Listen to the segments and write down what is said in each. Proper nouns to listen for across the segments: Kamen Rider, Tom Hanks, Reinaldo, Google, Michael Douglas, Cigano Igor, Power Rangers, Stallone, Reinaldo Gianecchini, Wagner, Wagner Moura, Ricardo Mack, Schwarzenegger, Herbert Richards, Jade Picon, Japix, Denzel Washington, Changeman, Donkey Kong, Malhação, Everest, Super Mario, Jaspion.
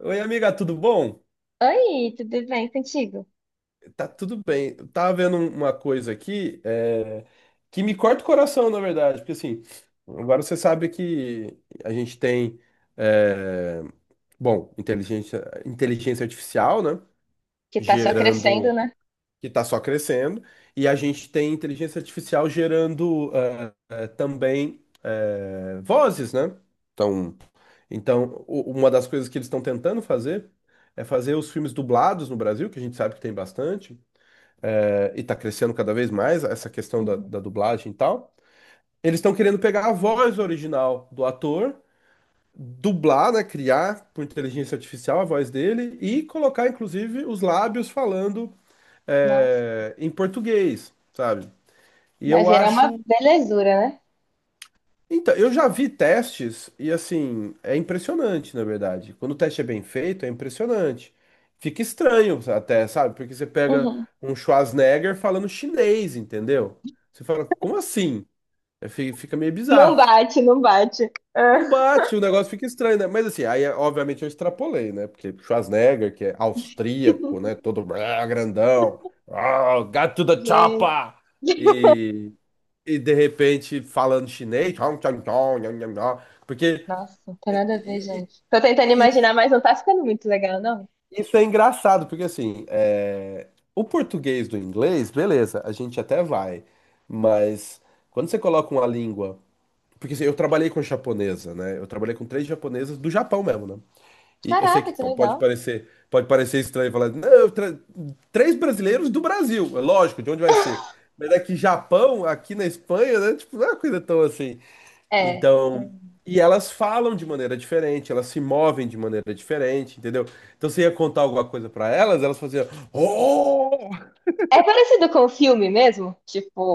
Oi, amiga, tudo bom? Oi, tudo bem contigo? Tá tudo bem. Eu tava vendo uma coisa aqui que me corta o coração, na verdade, porque assim, agora você sabe que a gente tem, é, bom, inteligência artificial, né? Que tá só crescendo, Gerando. né? Que está só crescendo, e a gente tem inteligência artificial gerando também vozes, né? Então, uma das coisas que eles estão tentando fazer é fazer os filmes dublados no Brasil, que a gente sabe que tem bastante, e está crescendo cada vez mais essa questão Uhum. da dublagem e tal. Eles estão querendo pegar a voz original do ator, dublar, né, criar por inteligência artificial a voz dele e colocar, inclusive, os lábios falando Nossa. Em português, sabe? E Vai eu virar uma acho. belezura, né? Então, eu já vi testes e assim, é impressionante, na verdade. Quando o teste é bem feito, é impressionante. Fica estranho até, sabe? Porque você pega Uhum. um Schwarzenegger falando chinês, entendeu? Você fala, como assim? É, fica meio Não bizarro. bate, não bate. Ah. Não bate, o negócio fica estranho, né? Mas assim, aí obviamente eu extrapolei, né? Porque Schwarzenegger, que é austríaco, né? Todo ah, grandão, ah, got to the Gente. chopper! E, e de repente falando chinês, tchau, tchau, tchau, nham, nham, nham. Porque Nossa, não tem nada a ver, e- gente. Tô tentando imaginar, mas não tá ficando muito legal, não. Isso é engraçado, porque assim, é, o português do inglês, beleza, a gente até vai, mas quando você coloca uma língua, porque assim, eu trabalhei com japonesa, né? Eu trabalhei com três japonesas do Japão mesmo, né? E eu sei que Caraca, que legal. Pode parecer estranho falar, não, três brasileiros do Brasil, é lógico, de onde vai ser? Mas é que Japão, aqui na Espanha, né? Tipo, não é uma coisa tão assim. É. É Então, e elas falam de maneira diferente, elas se movem de maneira diferente, entendeu? Então você ia contar alguma coisa pra elas, elas faziam, oh, É parecido com o filme mesmo?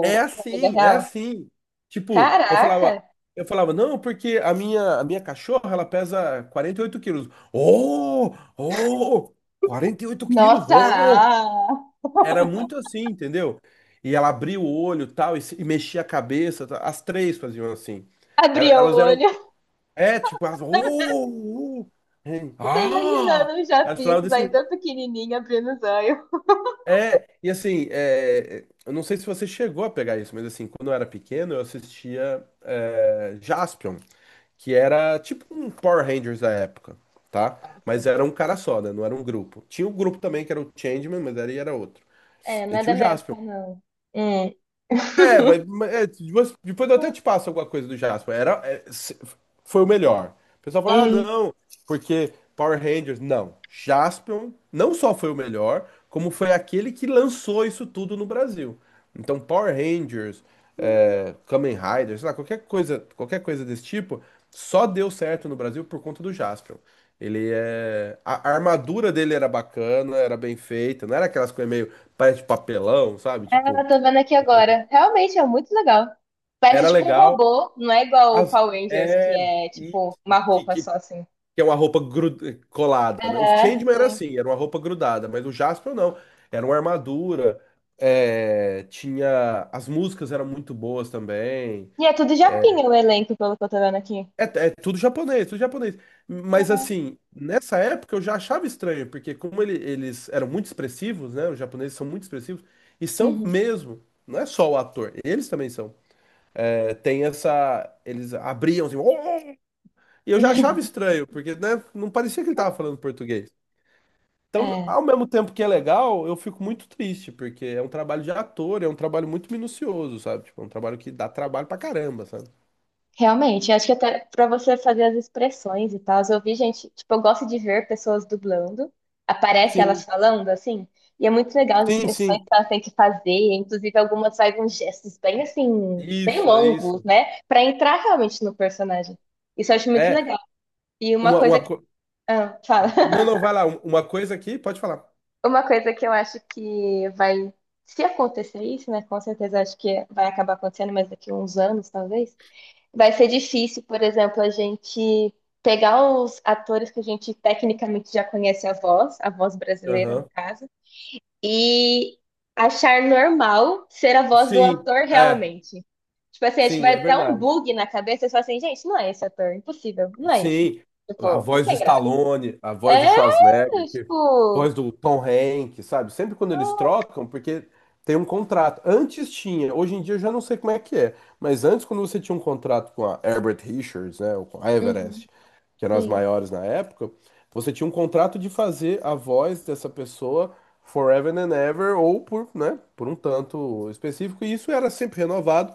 é na vida assim, é real? assim. Tipo, Caraca! Eu falava, não, porque a minha cachorra, ela pesa 48 quilos. Oh, oh, 48 quilos, Nossa! oh. Ah! Era muito assim, entendeu? E ela abria o olho, tal, e, e mexia a cabeça, tal. As três faziam assim. Abri o Elas eram, olho. é, tipo, as... hein, Tô ah! imaginando um As Japix fraldas aí assim. tão pequenininho abrindo os olhos. É, e assim, é, eu não sei se você chegou a pegar isso, mas assim, quando eu era pequeno, eu assistia Jaspion, que era tipo um Power Rangers da época, tá? Mas Nossa. era um cara só, né? Não era um grupo. Tinha um grupo também que era o Changeman, mas era outro. É, E não é tinha da o minha Jaspion. época, não. Hum. É, mas é, depois eu até te passo alguma coisa do Jasper. Era, é, se- foi o melhor. O pessoal fala, ah, não, porque Power Rangers. Não. Jaspion não só foi o melhor, como foi aquele que lançou isso tudo no Brasil. Então, Power Rangers, Hum. é, Kamen Rider, sei lá, qualquer coisa desse tipo, só deu certo no Brasil por conta do Jaspion. Ele é. A armadura dele era bacana, era bem feita, não era aquelas coisas meio. Parece papelão, sabe? Tipo, Ah, tô vendo aqui agora. Realmente é muito legal. Parece era tipo um legal. robô, não é igual o As-, Power Rangers, que é, é isso, tipo uma roupa só que assim. é uma roupa colada, né? Os Aham, Changeman era sim. assim, era uma roupa grudada, mas o Jaspion não. Era uma armadura, é, tinha... As músicas eram muito boas também. E é tudo japinha o elenco, pelo que eu tô vendo aqui. É, é tudo japonês, tudo japonês. Mas Caraca. assim, nessa época eu já achava estranho, porque como eles eram muito expressivos, né? Os japoneses são muito expressivos, e são Uhum. mesmo. Não é só o ator, eles também são. É, tem essa... Eles abriam assim... E eu já achava estranho, porque, né, não parecia que ele tava falando português. Então, É. ao mesmo tempo que é legal, eu fico muito triste, porque é um trabalho de ator, é um trabalho muito minucioso, sabe? Tipo, é um trabalho que dá trabalho pra caramba, sabe? Realmente, acho que até para você fazer as expressões e tal, eu vi gente, tipo, eu gosto de ver pessoas dublando, aparece elas Sim, falando assim, e é muito legal as sim, expressões que sim. elas têm que fazer, inclusive algumas fazem uns gestos bem assim, bem longos, Isso. né, para entrar realmente no personagem. Isso eu acho muito É, legal. E uma coisa uma que, co... ah, fala. Não, não, vai lá, uma coisa aqui, pode falar. Uma coisa que eu acho que vai, se acontecer isso, né, com certeza acho que vai acabar acontecendo, mas daqui a uns anos, talvez vai ser difícil, por exemplo, a gente pegar os atores que a gente tecnicamente já conhece a voz brasileira, no Aham. caso, e achar normal ser a voz do Sim, ator é, realmente. Tipo assim, acho que sim, vai é até um verdade. bug na cabeça, e fala assim, gente, não é esse ator, impossível, não é isso. Sim, a Tipo, não voz do tem graça. Stallone, a voz do É, Schwarzenegger, que, tipo. voz do Tom Hanks, sabe? Sempre quando eles Ah, trocam, porque tem um contrato. Antes tinha, hoje em dia eu já não sei como é que é, mas antes quando você tinha um contrato com a Herbert Richards, né, ou com a uhum, Everest, que eram as sim, maiores na época, você tinha um contrato de fazer a voz dessa pessoa forever and ever ou por, né, por um tanto específico, e isso era sempre renovado.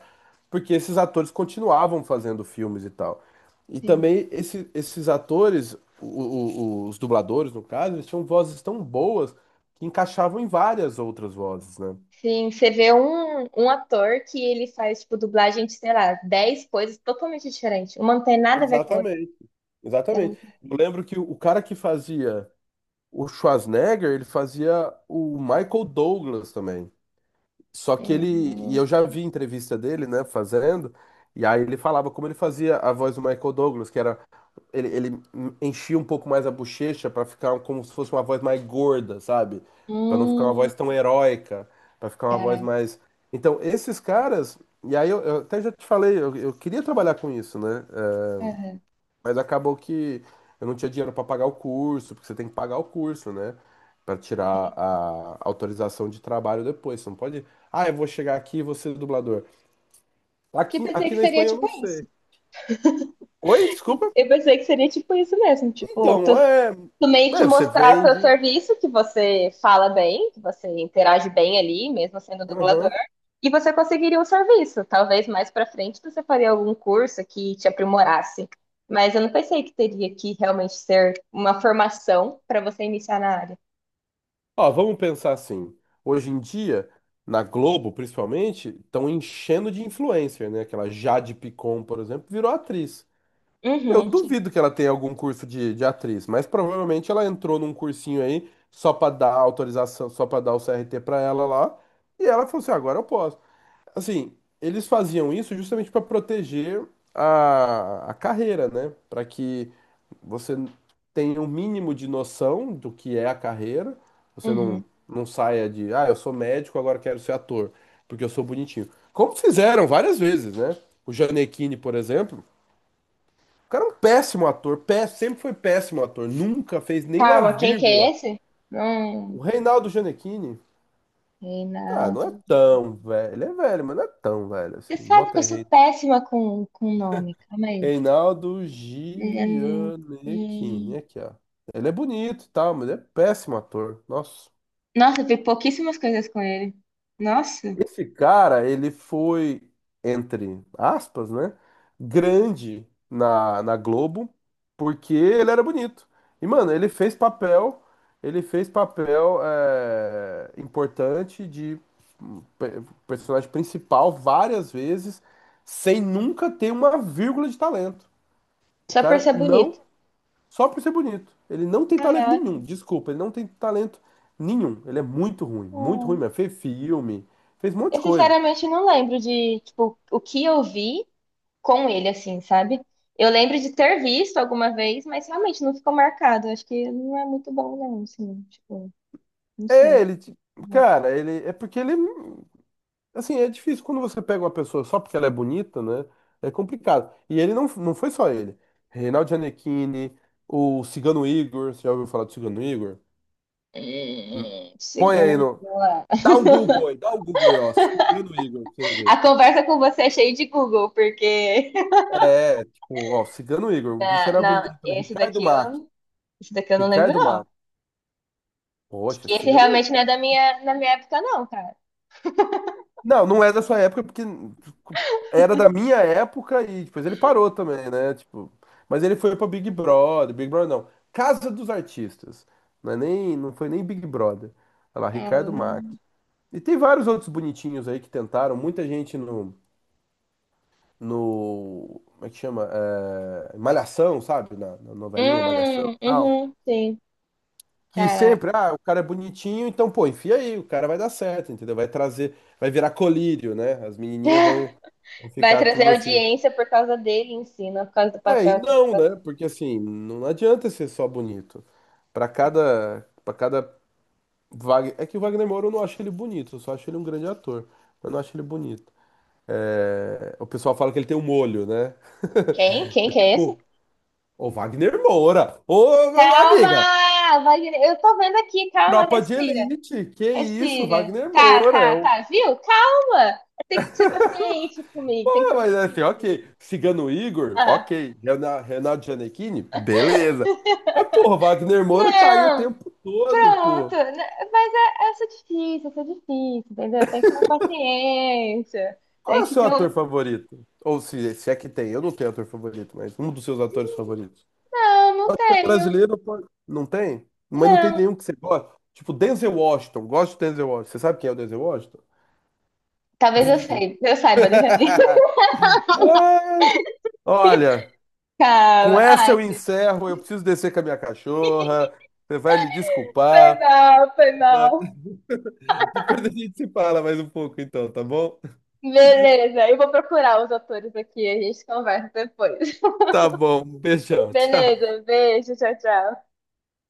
Porque esses atores continuavam fazendo filmes e tal. E sim. também esses atores, o- o- os dubladores, no caso, eles tinham vozes tão boas que encaixavam em várias outras vozes, né? Sim, você vê um, um ator que ele faz, tipo, dublagem de, sei lá, 10 coisas totalmente diferentes. Uma não tem nada a ver com a outra. Exatamente, Dá exatamente. muito- Eu lembro que o cara que fazia o Schwarzenegger, ele fazia o Michael Douglas também. Só que ele, e Hum, eu já vi entrevista dele, né, fazendo, e aí ele falava como ele fazia a voz do Michael Douglas, que era, ele enchia um pouco mais a bochecha pra ficar como se fosse uma voz mais gorda, sabe? Pra não ficar uma hum, voz tão heróica, pra ficar uma voz cara. mais. Então, esses caras, e aí eu até já te falei, eu queria trabalhar com isso, né? Aham. Mas acabou que eu não tinha dinheiro para pagar o curso, porque você tem que pagar o curso, né? Para tirar a autorização de trabalho depois. Você não pode. Ah, eu vou chegar aqui e vou ser dublador. Que Aqui, pensei aqui que na seria Espanha eu tipo não isso. sei. Oi, desculpa. Eu pensei que seria tipo isso mesmo. Tipo, Então, tu, é. tu meio que É, você mostrar o seu vende. serviço, que você fala bem, que você interage bem ali, mesmo sendo dublador. Aham. E você conseguiria um serviço. Talvez mais para frente você faria algum curso que te aprimorasse. Mas eu não pensei que teria que realmente ser uma formação para você iniciar na área. Ó, vamos pensar assim. Hoje em dia, na Globo, principalmente, estão enchendo de influencer, né? Aquela Jade Picon, por exemplo, virou atriz. Eu Uhum, duvido que ela tenha algum curso de atriz, mas provavelmente ela entrou num cursinho aí só pra dar autorização, só pra dar o CRT pra ela lá, e ela falou assim: "Ah, agora eu posso. Assim, eles faziam isso justamente pra proteger a carreira, né? Pra que você tenha um mínimo de noção do que é a carreira, você não, uhum. não saia de, ah, eu sou médico, agora quero ser ator, porque eu sou bonitinho. Como fizeram várias vezes, né? O Gianecchini, por exemplo. O cara é um péssimo ator, pé, sempre foi péssimo ator, nunca fez nenhuma Calma, quem que é vírgula. esse? Hum, O Reinaldo Gianecchini, ah, não é Reinaldo. tão velho, ele é velho, mas não é tão velho Você assim. sabe Bota que eu aí, sou péssima com nome. Calma aí. Reinaldo Hum, hum. Gianecchini, aqui, ó. Ele é bonito e tal, mas ele é péssimo ator. Nossa. Nossa, eu vi pouquíssimas coisas com ele. Nossa, Esse cara, ele foi, entre aspas, né? Grande na Globo, porque ele era bonito. E, mano, ele fez papel é, importante de personagem principal várias vezes, sem nunca ter uma vírgula de talento. O só por cara ser não, bonito. só por ser bonito. Ele não tem talento nenhum, Caraca. desculpa, ele não tem talento nenhum. Ele é muito ruim Hum. mesmo. Fez filme, fez um monte de Eu coisa. sinceramente não lembro de, tipo, o que eu vi com ele, assim, sabe? Eu lembro de ter visto alguma vez, mas realmente não ficou marcado. Acho que não é muito bom, não, assim, tipo, não É, sei. ele, ti- cara, ele é porque ele, assim, é difícil quando você pega uma pessoa só porque ela é bonita, né? É complicado. E ele não, não foi só ele. Reinaldo Gianecchini, o Cigano Igor, você já ouviu falar do Cigano Igor? Hum, Põe Chegando aí aí, no. vamos lá. Dá um Google aí, dá um Google aí, ó. Cigano Igor, pra você ver. A conversa com você é cheia de Google, porque É, tipo, ó, Cigano Igor, o bicho na, era na- bonito, né? esse Ricardo daqui Mack, eu, esse daqui eu não lembro, Ricardo não. Mack. Acho Poxa, que esse Cigano realmente não é da minha, na minha época, não, cara. Não, não é da sua época, porque era da minha época e depois ele parou também, né? Tipo, mas ele foi pra Big Brother, Big Brother não, Casa dos Artistas. Não é nem, não foi nem Big Brother. Olha lá, É, eu Ricardo Mack. não- E tem vários outros bonitinhos aí que tentaram, muita gente no, no, como é que chama? É, Malhação, sabe? Na novelinha Malhação e tal. uhum, sim, Que cara. sempre, ah, o cara é bonitinho, então, pô, enfia aí, o cara vai dar certo, entendeu? Vai trazer, vai virar colírio, né? As menininhas vão, vão Vai ficar trazer tudo assim. audiência por causa dele em si, não por causa do É, e papel que ele não, faz. né? Porque assim, não adianta ser só bonito. Para cada Wagner, é que o Wagner Moura eu não acho ele bonito, eu só acho ele um grande ator, mas eu não acho ele bonito. É, o pessoal fala que ele tem um molho, né? Quem? Quem que é esse? Tipo, ô Wagner Moura, ô amiga, Calma, Wagner. Eu tô vendo aqui, calma, tropa de respira. elite, que isso, Respira. Wagner Tá, Moura, é tá, o tá, viu? Calma. Tem que ser paciente comigo, tem que Não, ser mas é assim, ok. paciente. Cigano Igor, Ah. ok. Renato Gianecchini, beleza. Mas, porra, Wagner Moura tá aí o Não, tempo todo, pronto. pô. N- Mas essa é difícil, essa é difícil, entendeu? Tem que ter uma paciência. Qual é Tem o que seu ter um... ator favorito? Ou se é que tem, eu não tenho ator favorito, mas um dos seus atores favoritos. Não, não Pode ser tenho. brasileiro, pode... Não tem? Mas não tem Não. nenhum que você gosta. Tipo, Denzel Washington. Gosto de Denzel Washington. Você sabe quem é o Denzel Washington? Talvez eu saiba, deixa eu ver. Olha, com Calma. essa Ah, eu encerro. Eu preciso descer com a minha cachorra. Você vai me foi desculpar. mal, foi mal. Depois a gente se fala mais um pouco, então, tá bom? Beleza, eu vou procurar os atores aqui, a gente conversa depois. Tá bom, beijão, tchau. Beleza, beijo, tchau, tchau.